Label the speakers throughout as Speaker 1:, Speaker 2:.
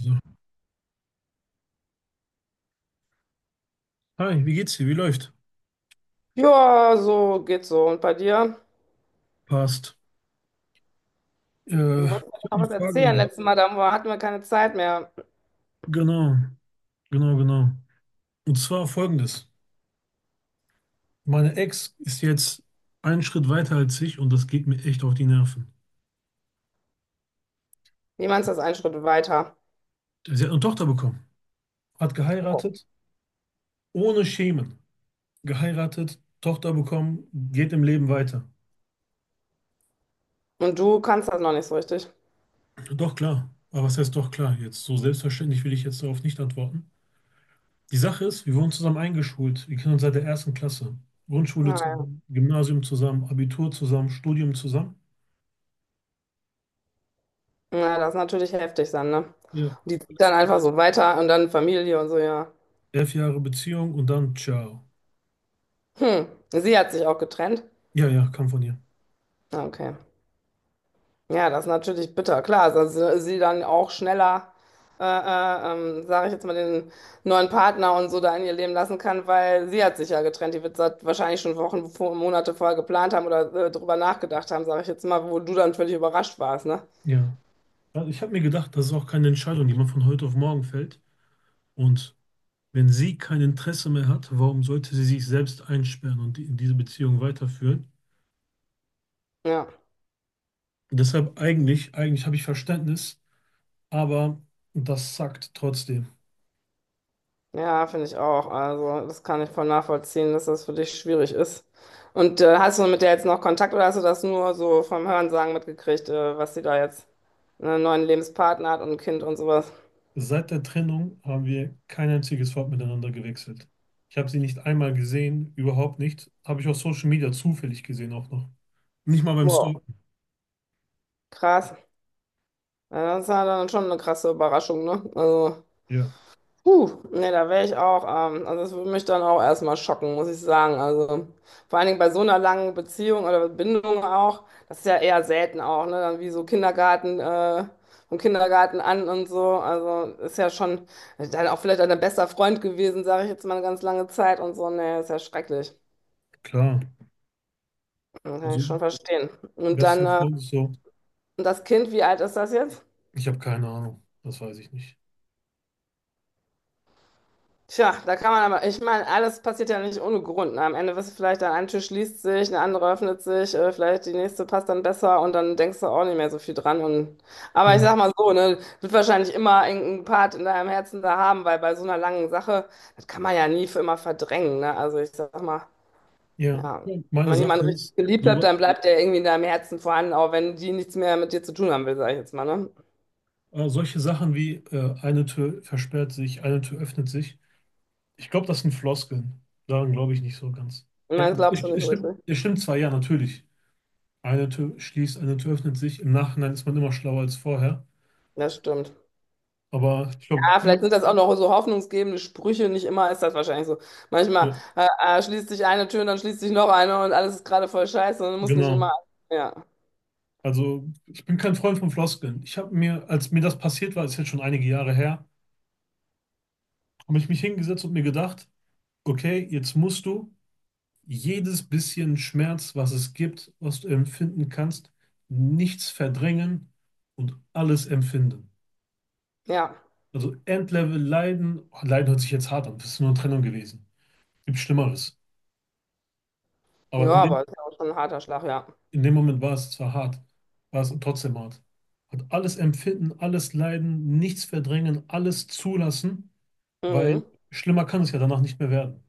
Speaker 1: So. Hi, wie geht's dir? Wie läuft?
Speaker 2: Ja, so geht so. Und bei dir?
Speaker 1: Passt.
Speaker 2: Du wolltest mir
Speaker 1: Ich habe
Speaker 2: noch
Speaker 1: eine
Speaker 2: was
Speaker 1: Frage an
Speaker 2: erzählen.
Speaker 1: dich.
Speaker 2: Letztes Mal, hatten wir keine Zeit mehr.
Speaker 1: Genau, genau, genau. Und zwar folgendes. Meine Ex ist jetzt einen Schritt weiter als ich und das geht mir echt auf die Nerven.
Speaker 2: Wie meinst du das einen Schritt weiter?
Speaker 1: Sie hat eine Tochter bekommen, hat
Speaker 2: Oh.
Speaker 1: geheiratet, ohne Schemen. Geheiratet, Tochter bekommen, geht im Leben weiter.
Speaker 2: Und du kannst das noch nicht so richtig.
Speaker 1: Doch klar. Aber was heißt doch klar jetzt? So selbstverständlich will ich jetzt darauf nicht antworten. Die Sache ist, wir wurden zusammen eingeschult. Wir kennen uns seit der ersten Klasse. Grundschule
Speaker 2: Naja,
Speaker 1: zusammen, Gymnasium zusammen, Abitur zusammen, Studium zusammen.
Speaker 2: ja, das ist natürlich heftig dann, ne?
Speaker 1: Ja.
Speaker 2: Und die zieht
Speaker 1: Alles
Speaker 2: dann
Speaker 1: klar.
Speaker 2: einfach so weiter und dann Familie und so, ja.
Speaker 1: 11 Jahre Beziehung und dann ciao.
Speaker 2: Hm, Sie hat sich auch getrennt.
Speaker 1: Ja, ja, kam von ihr.
Speaker 2: Ah, okay. Ja, das ist natürlich bitter. Klar, dass sie dann auch schneller, sage ich jetzt mal, den neuen Partner und so da in ihr Leben lassen kann, weil sie hat sich ja getrennt. Die wird seit wahrscheinlich schon Wochen, Monate vorher geplant haben oder drüber nachgedacht haben, sage ich jetzt mal, wo du dann völlig überrascht warst, ne?
Speaker 1: Ja. Also ich habe mir gedacht, das ist auch keine Entscheidung, die man von heute auf morgen fällt. Und wenn sie kein Interesse mehr hat, warum sollte sie sich selbst einsperren und diese Beziehung weiterführen?
Speaker 2: Ja,
Speaker 1: Deshalb eigentlich habe ich Verständnis, aber das sackt trotzdem.
Speaker 2: ja, finde ich auch. Also, das kann ich voll nachvollziehen, dass das für dich schwierig ist. Und hast du mit der jetzt noch Kontakt oder hast du das nur so vom Hörensagen mitgekriegt, was sie da jetzt einen neuen Lebenspartner hat und ein Kind und sowas?
Speaker 1: Seit der Trennung haben wir kein einziges Wort miteinander gewechselt. Ich habe sie nicht einmal gesehen, überhaupt nicht. Habe ich auf Social Media zufällig gesehen auch noch. Nicht mal beim
Speaker 2: Wow.
Speaker 1: Stalken.
Speaker 2: Krass. Ja, das ist ja dann schon eine krasse Überraschung, ne? Also,
Speaker 1: Ja,
Speaker 2: huh, nee, da wäre ich auch, also das würde mich dann auch erstmal schocken, muss ich sagen. Also, vor allen Dingen bei so einer langen Beziehung oder Bindung auch, das ist ja eher selten auch, ne? Dann wie so Kindergarten, vom Kindergarten an und so. Also, ist ja schon dann auch vielleicht ein bester Freund gewesen, sage ich jetzt mal eine ganz lange Zeit und so. Nee, ist ja schrecklich.
Speaker 1: klar.
Speaker 2: Kann ich
Speaker 1: Also,
Speaker 2: schon verstehen. Und dann,
Speaker 1: bester
Speaker 2: äh,
Speaker 1: Freund ist so,
Speaker 2: und das Kind, wie alt ist das jetzt?
Speaker 1: ich habe keine Ahnung, das weiß ich nicht.
Speaker 2: Tja, da kann man aber, ich meine, alles passiert ja nicht ohne Grund. Ne? Am Ende wirst du vielleicht, dann ein Tür schließt sich, eine andere öffnet sich, vielleicht die nächste passt dann besser und dann denkst du auch nicht mehr so viel dran. Und,
Speaker 1: Ja,
Speaker 2: aber ich sag mal so, ne, wird wahrscheinlich immer irgendeinen Part in deinem Herzen da haben, weil bei so einer langen Sache, das kann man ja nie für immer verdrängen. Ne? Also ich sag mal,
Speaker 1: ja.
Speaker 2: ja, wenn
Speaker 1: Meine
Speaker 2: man jemanden
Speaker 1: Sache ist,
Speaker 2: richtig geliebt hat,
Speaker 1: so,
Speaker 2: dann bleibt der irgendwie in deinem Herzen vorhanden, auch wenn die nichts mehr mit dir zu tun haben will, sag ich jetzt mal. Ne?
Speaker 1: solche Sachen wie eine Tür versperrt sich, eine Tür öffnet sich. Ich glaube, das sind Floskeln. Daran glaube ich nicht so ganz.
Speaker 2: Ich
Speaker 1: Ja,
Speaker 2: meine, das
Speaker 1: es,
Speaker 2: glaubst du nicht
Speaker 1: es
Speaker 2: so
Speaker 1: stimmt,
Speaker 2: richtig.
Speaker 1: es stimmt zwar, ja, natürlich. Eine Tür schließt, eine Tür öffnet sich. Im Nachhinein ist man immer schlauer als vorher.
Speaker 2: Das stimmt.
Speaker 1: Aber ich glaube,
Speaker 2: Ja, vielleicht sind das auch noch so hoffnungsgebende Sprüche. Nicht immer ist das wahrscheinlich so.
Speaker 1: ja,
Speaker 2: Manchmal schließt sich eine Tür und dann schließt sich noch eine und alles ist gerade voll scheiße und muss nicht immer.
Speaker 1: genau.
Speaker 2: Ja,
Speaker 1: Also ich bin kein Freund von Floskeln. Ich habe mir, als mir das passiert war, ist jetzt schon einige Jahre her, habe ich mich hingesetzt und mir gedacht, okay, jetzt musst du jedes bisschen Schmerz, was es gibt, was du empfinden kannst, nichts verdrängen und alles empfinden.
Speaker 2: ja,
Speaker 1: Also Endlevel Leiden, oh, Leiden hört sich jetzt hart an, das ist nur eine Trennung gewesen. Gibt Schlimmeres. Aber
Speaker 2: ja,
Speaker 1: in dem
Speaker 2: aber ist ja auch schon ein harter Schlag, ja.
Speaker 1: In dem Moment war es zwar hart, war es trotzdem hart. Hat alles empfinden, alles leiden, nichts verdrängen, alles zulassen, weil
Speaker 2: Mhm,
Speaker 1: schlimmer kann es ja danach nicht mehr werden.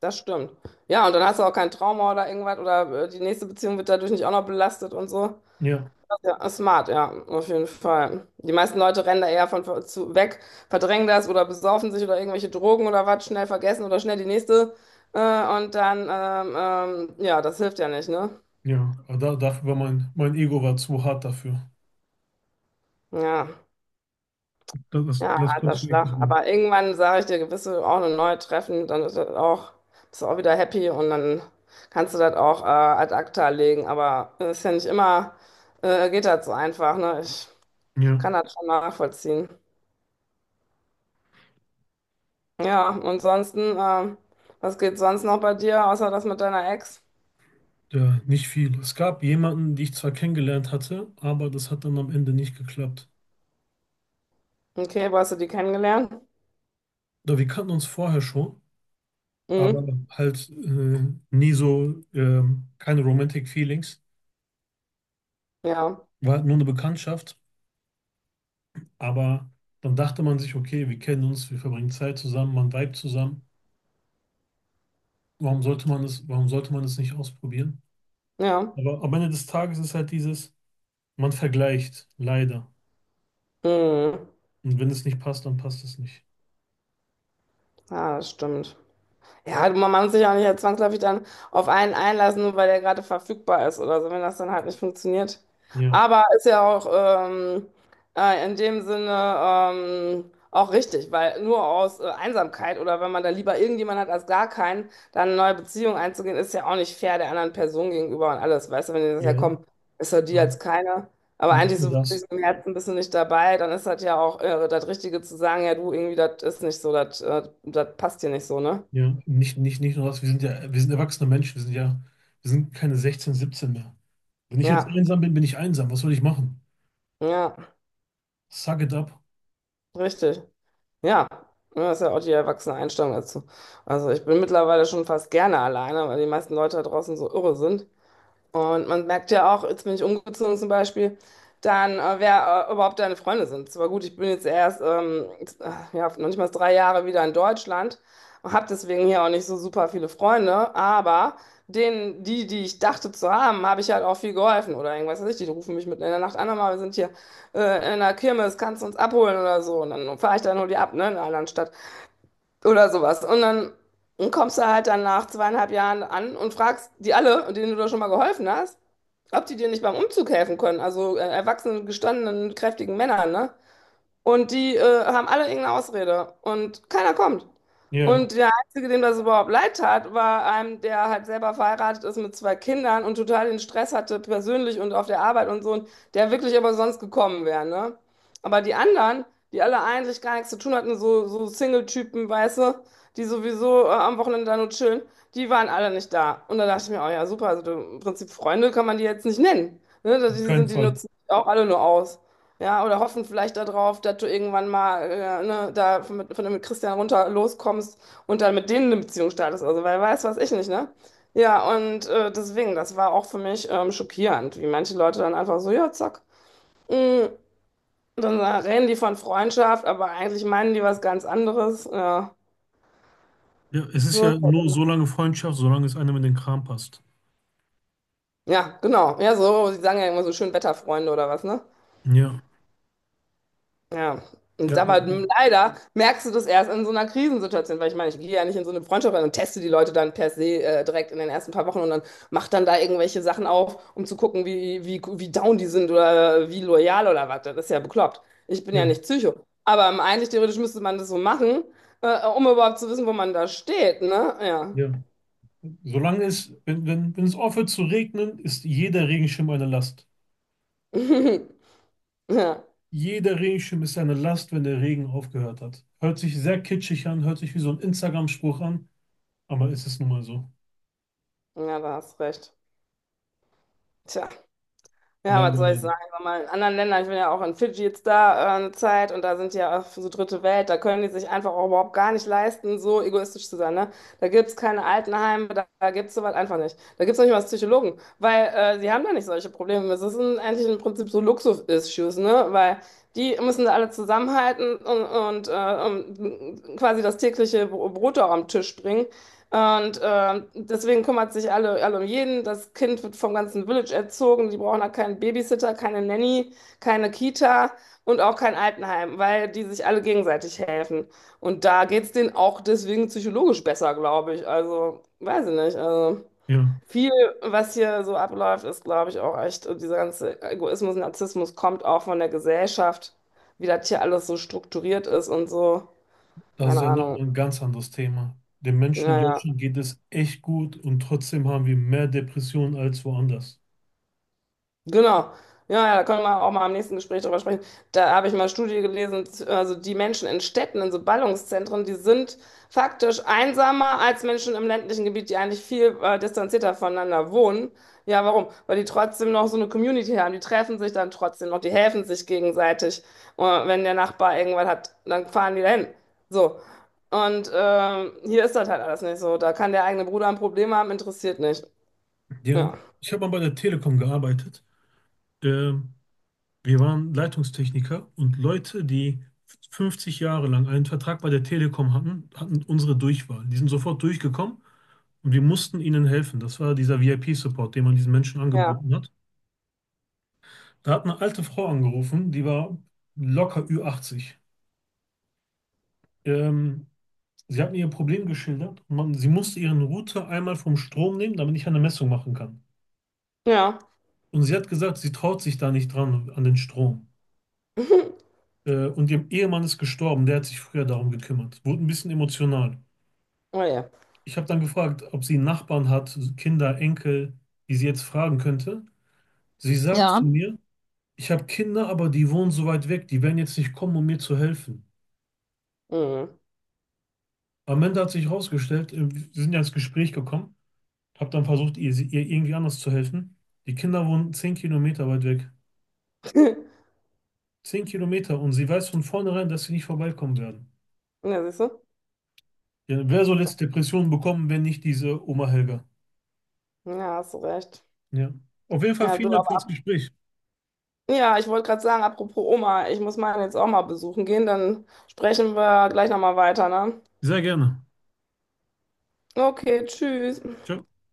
Speaker 2: das stimmt. Ja, und dann hast du auch kein Trauma oder irgendwas oder die nächste Beziehung wird dadurch nicht auch noch belastet und so.
Speaker 1: Ja,
Speaker 2: Ja, smart, ja, auf jeden Fall. Die meisten Leute rennen da eher von zu, weg, verdrängen das oder besaufen sich oder irgendwelche Drogen oder was, schnell vergessen oder schnell die nächste. Äh, und dann, ja, das hilft ja nicht, ne?
Speaker 1: ja. Aber dafür war mein Ego war zu hart dafür.
Speaker 2: Ja,
Speaker 1: Das, das,
Speaker 2: ja,
Speaker 1: das konnte
Speaker 2: alter
Speaker 1: ich mir echt nicht
Speaker 2: Schlag.
Speaker 1: lieben.
Speaker 2: Aber irgendwann sage ich dir, gewisse auch eine neue treffen, dann ist das auch, bist du auch wieder happy und dann kannst du das auch ad acta legen. Aber es ist ja nicht immer, geht das so einfach, ne? Ich kann
Speaker 1: Ja,
Speaker 2: das schon nachvollziehen. Ja, und sonst, was geht sonst noch bei dir, außer das mit deiner Ex?
Speaker 1: ja, nicht viel. Es gab jemanden, die ich zwar kennengelernt hatte, aber das hat dann am Ende nicht geklappt.
Speaker 2: Okay, wo hast du die kennengelernt?
Speaker 1: Oder wir kannten uns vorher schon, aber
Speaker 2: Mhm.
Speaker 1: halt nie so, keine Romantic Feelings.
Speaker 2: Ja,
Speaker 1: War halt nur eine Bekanntschaft. Aber dann dachte man sich, okay, wir kennen uns, wir verbringen Zeit zusammen, man vibet zusammen. Warum sollte man es nicht ausprobieren?
Speaker 2: ja.
Speaker 1: Aber am Ende des Tages ist halt dieses, man vergleicht, leider.
Speaker 2: Mhm.
Speaker 1: Und wenn es nicht passt, dann passt es nicht.
Speaker 2: Ja, das stimmt. Ja, man muss sich auch nicht zwangsläufig dann auf einen einlassen, nur weil der gerade verfügbar ist oder so, wenn das dann halt nicht funktioniert.
Speaker 1: Ja,
Speaker 2: Aber ist ja auch in dem Sinne auch richtig, weil nur aus Einsamkeit oder wenn man da lieber irgendjemanden hat als gar keinen, dann eine neue Beziehung einzugehen, ist ja auch nicht fair der anderen Person gegenüber und alles. Weißt du, wenn die das ja
Speaker 1: ja,
Speaker 2: komm, ist doch die
Speaker 1: ja,
Speaker 2: jetzt keine. Aber
Speaker 1: nicht
Speaker 2: eigentlich
Speaker 1: nur
Speaker 2: so wirklich
Speaker 1: das.
Speaker 2: so im Herzen bist du nicht dabei, dann ist das ja auch das Richtige zu sagen, ja du, irgendwie, das ist nicht so, das passt hier nicht so, ne?
Speaker 1: Ja, nicht nur das. Wir sind ja, wir sind erwachsene Menschen, wir sind ja, wir sind keine 16, 17 mehr. Wenn ich jetzt
Speaker 2: Ja,
Speaker 1: einsam bin, bin ich einsam. Was soll ich machen?
Speaker 2: ja,
Speaker 1: Suck it up.
Speaker 2: richtig. Ja, ja, das ist ja auch die erwachsene Einstellung dazu. Also ich bin mittlerweile schon fast gerne alleine, weil die meisten Leute da draußen so irre sind. Und man merkt ja auch, jetzt bin ich umgezogen zum Beispiel, dann, wer überhaupt deine Freunde sind. Zwar gut, ich bin jetzt erst, ja, noch nicht mal 3 Jahre wieder in Deutschland und habe deswegen hier auch nicht so super viele Freunde, aber denen, die ich dachte zu haben, habe ich halt auch viel geholfen oder irgendwas weiß ich. Die rufen mich mitten in der Nacht an, mal, wir sind hier in der Kirmes, kannst du uns abholen oder so. Und dann fahre ich dann nur die ab, ne, in einer anderen Stadt oder sowas. Und dann kommst du halt dann nach 2,5 Jahren an und fragst die alle, denen du da schon mal geholfen hast, ob die dir nicht beim Umzug helfen können. Also erwachsenen, gestandenen, kräftigen Männern, ne? Und die haben alle irgendeine Ausrede und keiner kommt.
Speaker 1: Ja,
Speaker 2: Und der Einzige, dem das überhaupt leid tat, war einem, der halt selber verheiratet ist mit zwei Kindern und total den Stress hatte, persönlich und auf der Arbeit und so, und der wirklich aber sonst gekommen wäre, ne? Aber die anderen, die alle eigentlich gar nichts zu tun hatten, so, so Single-Typen, weißt du, die sowieso am Wochenende da nur chillen, die waren alle nicht da. Und da dachte ich mir, oh ja, super, also du, im Prinzip Freunde kann man die jetzt nicht nennen. Ne?
Speaker 1: auf
Speaker 2: Die
Speaker 1: keinen
Speaker 2: sind, die
Speaker 1: Fall.
Speaker 2: nutzen auch alle nur aus. Ja, oder hoffen vielleicht darauf, dass du irgendwann mal ne, da von mit Christian runter loskommst und dann mit denen eine Beziehung startest. Also, weil weiß, was ich nicht, ne? Ja, und deswegen, das war auch für mich schockierend, wie manche Leute dann einfach so, ja, zack. Mm, Dann reden die von Freundschaft, aber eigentlich meinen die was ganz anderes. Ja,
Speaker 1: Ja, es ist
Speaker 2: so ist
Speaker 1: ja
Speaker 2: das
Speaker 1: nur
Speaker 2: immer.
Speaker 1: so lange Freundschaft, solange es einem in den Kram passt.
Speaker 2: Ja, genau. Ja, so, die sagen ja immer so schön Wetterfreunde oder was, ne?
Speaker 1: Ja.
Speaker 2: Ja. Und
Speaker 1: Ja, ja,
Speaker 2: aber leider merkst du das erst in so einer Krisensituation, weil ich meine, ich gehe ja nicht in so eine Freundschaft rein und teste die Leute dann per se direkt in den ersten paar Wochen und dann mach dann da irgendwelche Sachen auf, um zu gucken, wie down die sind oder wie loyal oder was. Das ist ja bekloppt. Ich bin ja
Speaker 1: ja,
Speaker 2: nicht Psycho. Aber eigentlich theoretisch müsste man das so machen, um überhaupt zu wissen, wo man da steht, ne? Ja.
Speaker 1: ja. Solange es, wenn, wenn, wenn es aufhört zu regnen, ist jeder Regenschirm eine Last.
Speaker 2: Ja,
Speaker 1: Jeder Regenschirm ist eine Last, wenn der Regen aufgehört hat. Hört sich sehr kitschig an, hört sich wie so ein Instagram-Spruch an, aber es ist nun mal so.
Speaker 2: ja, da hast recht. Tja. Ja, was
Speaker 1: Leider,
Speaker 2: soll ich
Speaker 1: leider.
Speaker 2: sagen? Sag mal, in anderen Ländern, ich bin ja auch in Fidschi jetzt da eine Zeit und da sind die ja auch so dritte Welt, da können die sich einfach auch überhaupt gar nicht leisten, so egoistisch zu sein. Ne? Da gibt es keine Altenheime, da gibt es sowas einfach nicht. Da gibt es nicht mal Psychologen, weil die haben da nicht solche Probleme. Das ist eigentlich im Prinzip so Luxus-Issues, ne? Weil die müssen da alle zusammenhalten um, quasi das tägliche Brot auch am Tisch bringen. Und deswegen kümmert sich alle um jeden. Das Kind wird vom ganzen Village erzogen. Die brauchen da keinen Babysitter, keine Nanny, keine Kita und auch kein Altenheim, weil die sich alle gegenseitig helfen. Und da geht's denen auch deswegen psychologisch besser, glaube ich. Also, weiß ich nicht. Also,
Speaker 1: Ja,
Speaker 2: viel, was hier so abläuft, ist, glaube ich, auch echt, dieser ganze Egoismus, Narzissmus kommt auch von der Gesellschaft, wie das hier alles so strukturiert ist und so.
Speaker 1: das ist
Speaker 2: Keine
Speaker 1: ja nochmal
Speaker 2: Ahnung.
Speaker 1: ein ganz anderes Thema. Den Menschen in
Speaker 2: Naja.
Speaker 1: Deutschland geht es echt gut und trotzdem haben wir mehr Depressionen als woanders.
Speaker 2: Genau. Ja, ja, da können wir auch mal am nächsten Gespräch drüber sprechen. Da habe ich mal eine Studie gelesen, also die Menschen in Städten, in so Ballungszentren, die sind faktisch einsamer als Menschen im ländlichen Gebiet, die eigentlich viel distanzierter voneinander wohnen. Ja, warum? Weil die trotzdem noch so eine Community haben. Die treffen sich dann trotzdem noch, die helfen sich gegenseitig. Und wenn der Nachbar irgendwas hat, dann fahren die dahin. So. Und hier ist das halt alles nicht so. Da kann der eigene Bruder ein Problem haben, interessiert nicht.
Speaker 1: Ja,
Speaker 2: Ja,
Speaker 1: ich habe mal bei der Telekom gearbeitet. Ähm, Wir waren Leitungstechniker und Leute, die 50 Jahre lang einen Vertrag bei der Telekom hatten, hatten unsere Durchwahl. Die sind sofort durchgekommen und wir mussten ihnen helfen. Das war dieser VIP-Support, den man diesen Menschen
Speaker 2: ja,
Speaker 1: angeboten hat. Da hat eine alte Frau angerufen, die war locker ü achtzig. Ähm, Sie hat mir ihr Problem geschildert. Man, sie musste ihren Router einmal vom Strom nehmen, damit ich eine Messung machen kann.
Speaker 2: ja.
Speaker 1: Und sie hat gesagt, sie traut sich da nicht dran, an den Strom. Und ihr Ehemann ist gestorben, der hat sich früher darum gekümmert. Wurde ein bisschen emotional.
Speaker 2: Oh je.
Speaker 1: Ich habe dann gefragt, ob sie einen Nachbarn hat, so Kinder, Enkel, die sie jetzt fragen könnte. Sie sagt
Speaker 2: Ja.
Speaker 1: zu mir, ich habe Kinder, aber die wohnen so weit weg, die werden jetzt nicht kommen, um mir zu helfen.
Speaker 2: Mhm.
Speaker 1: Am Ende hat sich herausgestellt, wir sind ja ins Gespräch gekommen, habe dann versucht, ihr irgendwie anders zu helfen. Die Kinder wohnen 10 Kilometer weit weg. 10 Kilometer und sie weiß von vornherein, dass sie nicht vorbeikommen werden.
Speaker 2: Ja, siehst du?
Speaker 1: Ja, wer soll jetzt Depressionen bekommen, wenn nicht diese Oma Helga?
Speaker 2: Ja, hast du recht.
Speaker 1: Ja. Auf jeden Fall
Speaker 2: Ja,
Speaker 1: vielen
Speaker 2: du
Speaker 1: Dank für
Speaker 2: aber.
Speaker 1: das Gespräch.
Speaker 2: Ja, ich wollte gerade sagen, apropos Oma, ich muss meine jetzt auch mal besuchen gehen, dann sprechen wir gleich nochmal weiter, ne?
Speaker 1: Sehr gerne.
Speaker 2: Okay, tschüss.
Speaker 1: Ciao.